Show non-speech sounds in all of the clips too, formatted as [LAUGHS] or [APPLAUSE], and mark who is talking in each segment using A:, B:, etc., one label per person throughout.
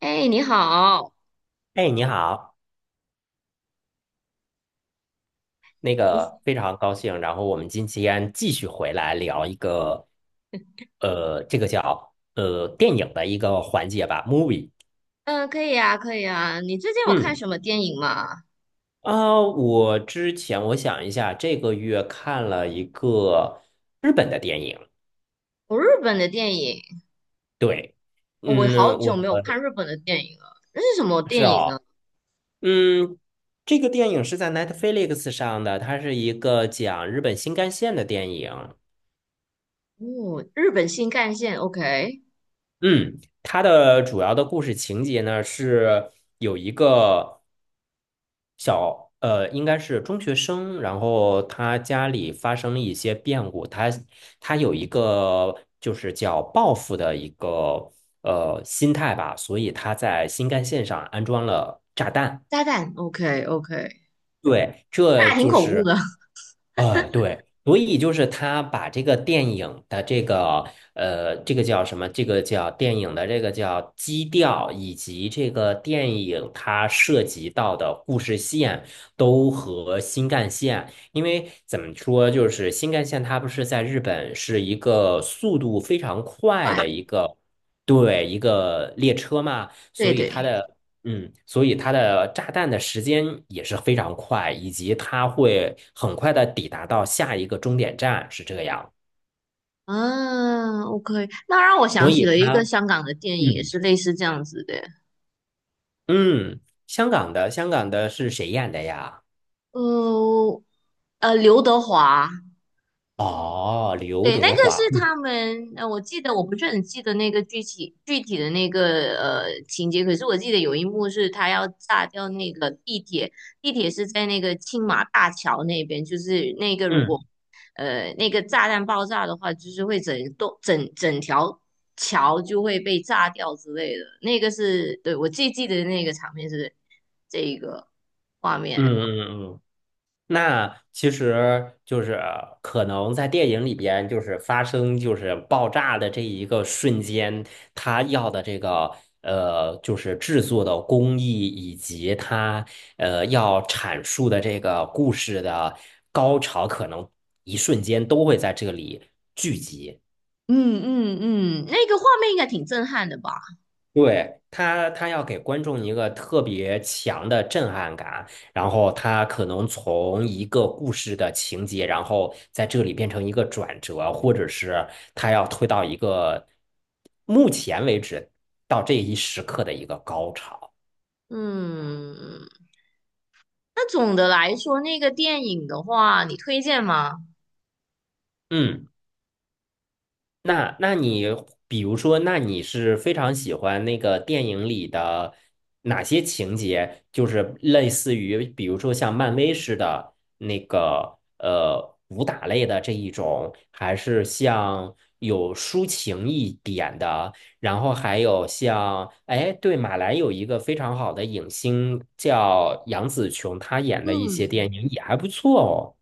A: 哎，你好。
B: 哎，你好，
A: 你
B: 非常高兴，然后我们今天继续回来聊一个，这个叫电影的一个环节吧，movie。
A: 可以啊，可以啊。你最近有看
B: 嗯，
A: 什么电影吗？
B: 啊，我之前我想一下，这个月看了一个日本的电影。
A: 我日本的电影。
B: 对。
A: 哦，我
B: 嗯，
A: 好
B: 我
A: 久没有看日本的电影了。那是什么
B: 是
A: 电影呢？
B: 哦。嗯，这个电影是在 Netflix 上的，它是一个讲日本新干线的电影。
A: 哦，日本新干线，OK。
B: 嗯，它的主要的故事情节呢是有一个小，应该是中学生，然后他家里发生了一些变故，他有一个就是叫报复的一个心态吧，所以他在新干线上安装了炸弹。
A: 炸弹，OK，OK。
B: 对，
A: 那
B: 这
A: 还挺
B: 就
A: 恐怖
B: 是。
A: 的。[LAUGHS]
B: 啊，对，所以就是他把这个电影的这个，这个叫什么？这个叫电影的这个叫基调，以及这个电影它涉及到的故事线都和新干线，因为怎么说，就是新干线它不是在日本是一个速度非常快
A: 快。
B: 的一个。对，一个列车嘛，
A: 对
B: 所以
A: 对。
B: 它的嗯，所以它的炸弹的时间也是非常快，以及它会很快的抵达到下一个终点站，是这样。
A: 啊，OK，那让我想
B: 所
A: 起
B: 以
A: 了一个
B: 它，
A: 香港的电影，也
B: 嗯
A: 是类似这样子的。
B: 嗯，香港的是谁演的呀？
A: 呃刘德华。
B: 哦，刘
A: 对，那个
B: 德华。
A: 是
B: 嗯
A: 他们，我记得我不是很记得那个具体的那个情节，可是我记得有一幕是他要炸掉那个地铁。地铁是在那个青马大桥那边，就是那个如果
B: 嗯
A: 那个炸弹爆炸的话，就是会整栋整整条桥就会被炸掉之类的。那个是对我最记得那个场面是这一个画
B: 嗯
A: 面。
B: 嗯嗯。那其实就是可能在电影里边，就是发生就是爆炸的这一个瞬间，他要的这个，就是制作的工艺以及他要阐述的这个故事的高潮，可能一瞬间都会在这里聚集。
A: 嗯嗯嗯。那个画面应该挺震撼的吧。
B: 对，他要给观众一个特别强的震撼感，然后他可能从一个故事的情节，然后在这里变成一个转折，或者是他要推到一个目前为止到这一时刻的一个高潮。
A: 嗯，那总的来说，那个电影的话，你推荐吗？
B: 嗯。那你比如说，那你是非常喜欢那个电影里的哪些情节？就是类似于，比如说像漫威似的那个武打类的这一种，还是像有抒情一点的？然后还有像，哎，对，马来有一个非常好的影星叫杨紫琼，她演的一些
A: 嗯
B: 电影也还不错哦。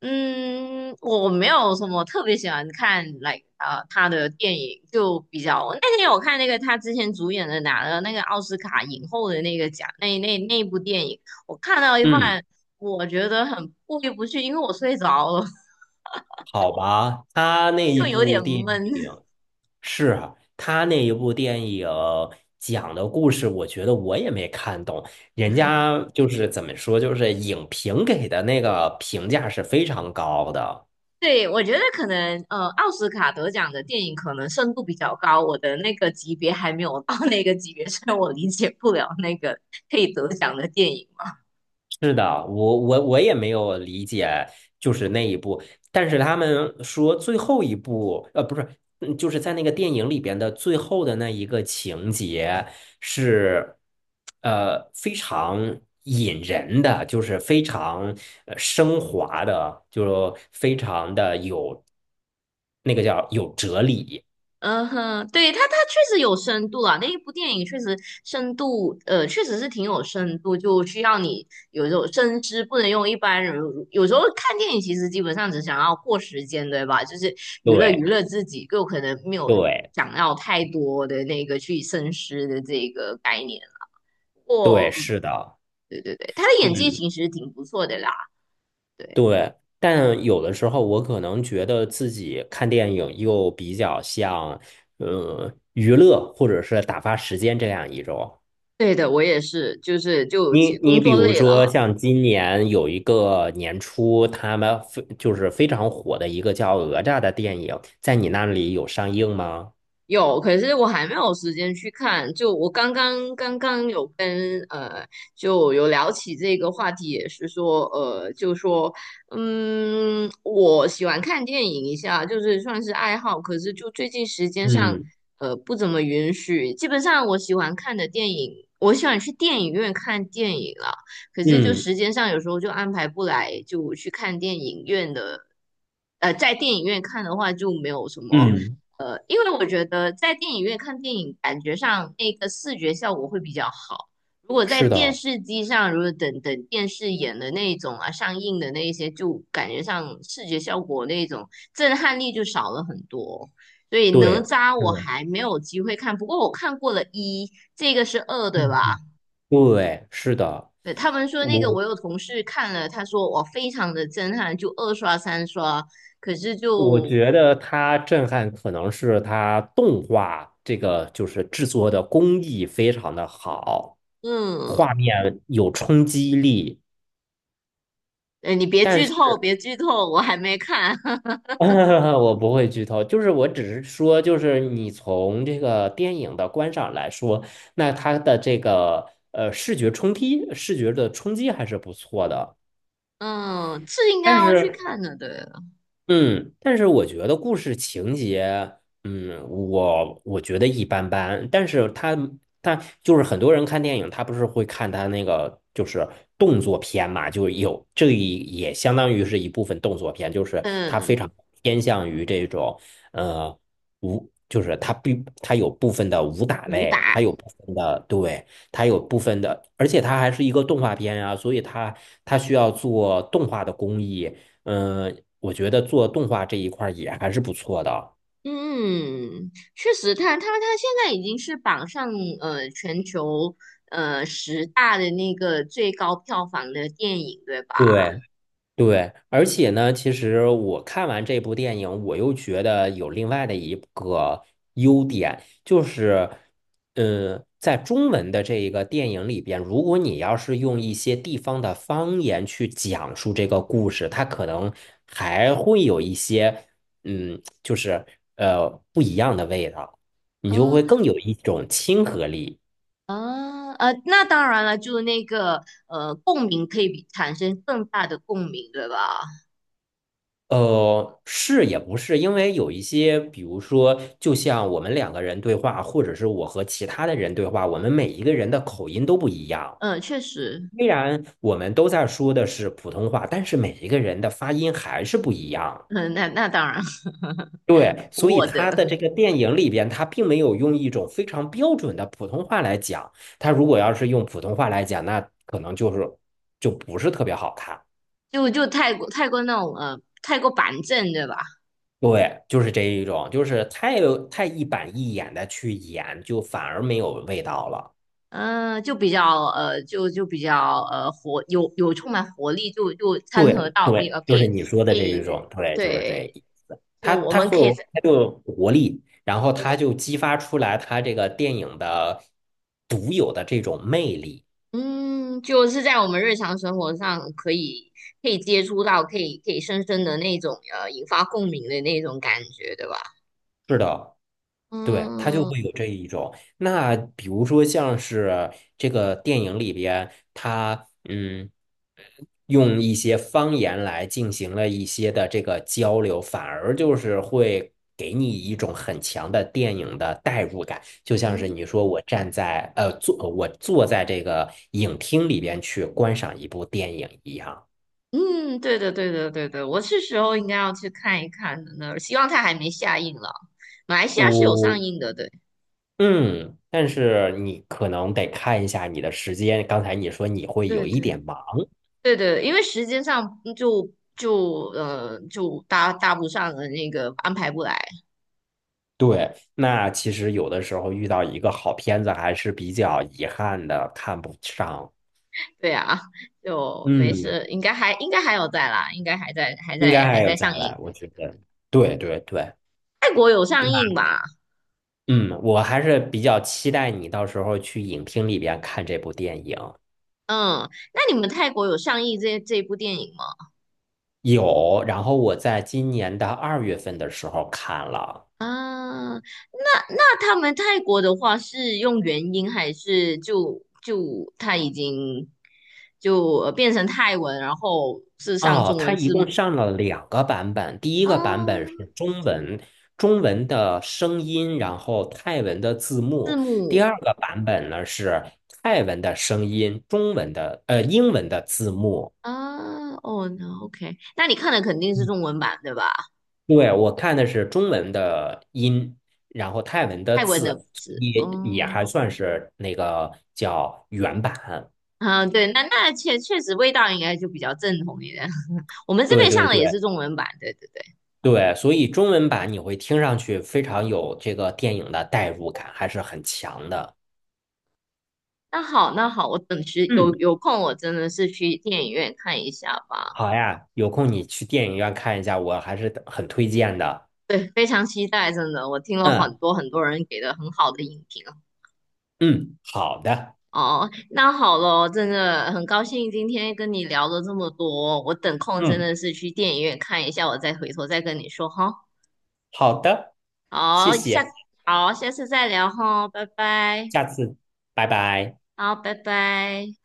A: 嗯，我没有什么特别喜欢看来他的电影，就比较那天我看那个他之前主演的拿了那个奥斯卡影后的那个奖，那部电影，我看到一
B: 嗯，
A: 半，我觉得很过意不去，因为我睡着了。[LAUGHS]
B: 好吧，她那一
A: 就有
B: 部
A: 点
B: 电
A: 闷。
B: 影。是啊，他那一部电影讲的故事，我觉得我也没看懂。人家就是怎么说，就是影评给的那个评价是非常高的。
A: 对，我觉得可能奥斯卡得奖的电影可能深度比较高，我的那个级别还没有到那个级别，所以我理解不了那个可以得奖的电影嘛。
B: 是的，我也没有理解，就是那一部，但是他们说最后一部，呃，不是，嗯就是在那个电影里边的最后的那一个情节是，非常引人的，就是非常升华的，就非常的有那个叫有哲理。
A: 嗯哼，对，它它确实有深度啊，那一部电影确实深度，确实是挺有深度，就需要你有一种深知，不能用一般人。有时候看电影其实基本上只想要过时间，对吧？就是娱乐娱
B: 对
A: 乐自己，就可能没有
B: 对
A: 想要太多的那个去深思的这个概念。
B: 对，
A: 过，嗯。
B: 是的，
A: 对对对，他的演技
B: 嗯。
A: 其实挺不错的啦。对。
B: 对，但有的时候我可能觉得自己看电影又比较像，娱乐或者是打发时间这样一种。
A: 对的，我也是，就是就
B: 你
A: 工
B: 你比
A: 作
B: 如
A: 累了。
B: 说，像今年有一个年初，他们非就是非常火的一个叫《哪吒》的电影，在你那里有上映吗？
A: 有，可是我还没有时间去看。就我刚刚有跟就有聊起这个话题，也是说就说嗯，我喜欢看电影一下，就是算是爱好。可是就最近时间上
B: 嗯
A: 不怎么允许。基本上我喜欢看的电影，我喜欢去电影院看电影了。可是就
B: 嗯
A: 时间上有时候就安排不来，就去看电影院的。在电影院看的话就没有什么。
B: 嗯，
A: 因为我觉得在电影院看电影，感觉上那个视觉效果会比较好。如果在
B: 是
A: 电
B: 的，
A: 视机上，如果等等电视演的那一种啊，上映的那一些，就感觉上视觉效果那一种震撼力就少了很多。所以哪
B: 对，
A: 吒我
B: 是，
A: 还没有机会看，不过我看过了一，这个是二，对
B: 嗯
A: 吧？
B: 嗯，对，是的。
A: 对，他们说那个
B: 我。
A: 我有同事看了，他说我非常的震撼，就二刷三刷，可是
B: 我
A: 就
B: 觉得它震撼可能是它动画这个就是制作的工艺非常的好，
A: 嗯。
B: 画面有冲击力。
A: 哎，你别
B: 但
A: 剧
B: 是
A: 透，别剧透，我还没看。[LAUGHS]
B: [LAUGHS] 我不会剧透，就是我只是说，就是你从这个电影的观赏来说，那它的这个视觉冲击、视觉的冲击还是不错的。
A: 嗯，是应该
B: 但
A: 要去
B: 是
A: 看的，对。
B: 嗯，但是我觉得故事情节，嗯，我觉得一般般。但是他就是很多人看电影，他不是会看他那个就是动作片嘛，就有这一也相当于是一部分动作片，就是他非
A: 嗯，
B: 常偏向于这种呃武，他有部分的武打
A: 武
B: 类，他
A: 打。
B: 有部分的对，他有部分的，而且他还是一个动画片啊，所以他需要做动画的工艺。嗯，呃我觉得做动画这一块儿也还是不错的。
A: 嗯，确实它，他他他现在已经是榜上全球十大的那个最高票房的电影，对吧？
B: 对对，而且呢，其实我看完这部电影，我又觉得有另外的一个优点，就是，嗯，在中文的这一个电影里边，如果你要是用一些地方的方言去讲述这个故事，它可能还会有一些，嗯，就是不一样的味道，你就会
A: 嗯。
B: 更有一种亲和力。
A: 那当然了，就那个共鸣可以比产生更大的共鸣，对吧？
B: 呃，是也不是，因为有一些，比如说，就像我们两个人对话，或者是我和其他的人对话，我们每一个人的口音都不一样。
A: 嗯，确实。
B: 虽然我们都在说的是普通话，但是每一个人的发音还是不一样。
A: 嗯，那那当然。
B: 对，
A: [LAUGHS]
B: 所以
A: 我的。
B: 他的这个电影里边，他并没有用一种非常标准的普通话来讲。他如果要是用普通话来讲，那可能就是就不是特别好看。
A: 就就太过太过那种太过板正对吧？
B: 对，就是这一种，就是太一板一眼的去演，就反而没有味道了。
A: 嗯、就比较就就比较活有有充满活力，就就掺和
B: 对
A: 到并
B: 对，
A: 可
B: 就是
A: 以
B: 你说
A: 可
B: 的这
A: 以
B: 一种，对，就是这
A: 对。
B: 一，
A: 就
B: 它
A: 我
B: 它
A: 们
B: 会
A: 可以
B: 有
A: 在
B: 它就有活力，然后它就激发出来它这个电影的独有的这种魅力。
A: 嗯就是在我们日常生活上可以可以接触到，可以可以深深的那种引发共鸣的那种感觉，对吧？
B: 是的。对，他就
A: 嗯
B: 会有这一种。那比如说像是这个电影里边，他嗯，用一些方言来进行了一些的这个交流，反而就是会给你一种很强的电影的代入感。就像是
A: 嗯。
B: 你说我站在我坐在这个影厅里边去观赏一部电影一样。
A: 嗯，对的，对的，对的，我是时候应该要去看一看的呢。希望它还没下映了。马来西亚是有上
B: 我
A: 映的，对。
B: 嗯，但是你可能得看一下你的时间。刚才你说你会
A: 对
B: 有一
A: 对
B: 点忙。
A: 对对，因为时间上嗯就就就搭搭不上的那个安排不来。
B: 对，那其实有的时候遇到一个好片子还是比较遗憾的，看不上。
A: 对啊，就没
B: 嗯，
A: 事，应该还应该还有在啦，应该还在还
B: 应
A: 在
B: 该
A: 还
B: 还有
A: 在
B: 再
A: 上
B: 来，
A: 映。
B: 我觉得。对对对，
A: 泰国有上映吧？
B: 嗯，我还是比较期待你到时候去影厅里边看这部电影。
A: 嗯，那你们泰国有上映这这部电影吗？
B: 有，然后我在今年的2月份的时候看了。
A: 啊，那那他们泰国的话是用元音还是就就他已经就变成泰文，然后是上
B: 哦，
A: 中
B: 它
A: 文
B: 一
A: 字
B: 共
A: 母。
B: 上了两个版本，第一个版本
A: 啊，
B: 是中文，中文的声音，然后泰文的字
A: 字
B: 幕；第
A: 母。
B: 二个版本呢是泰文的声音，中文的英文的字幕。
A: 啊，哦，那 OK，那你看的肯定是
B: 嗯，
A: 中文版对吧？
B: 对，我看的是中文的音，然后泰文的
A: 泰文的
B: 字，
A: 字，哦。
B: 也还算是那个叫原版。
A: 啊，对，那那确确实味道应该就比较正统一点。[LAUGHS] 我们这
B: 对
A: 边上
B: 对
A: 的也
B: 对
A: 是中文版，对对对。
B: 对，所以中文版你会听上去非常有这个电影的代入感，还是很强的。
A: 那好，那好，我等时有
B: 嗯，
A: 有空，我真的是去电影院看一下吧。
B: 好呀，有空你去电影院看一下，我还是很推荐的。
A: 对，非常期待，真的，我听了很
B: 嗯
A: 多很多人给的很好的影评
B: 嗯，好的，
A: 哦。那好了，真的很高兴今天跟你聊了这么多，我等空真
B: 嗯，
A: 的是去电影院看一下，我再回头再跟你说哈。
B: 好的，谢
A: 好，下。
B: 谢，
A: 好，下次再聊哈，拜拜。
B: 下次，拜拜。
A: 好，拜拜。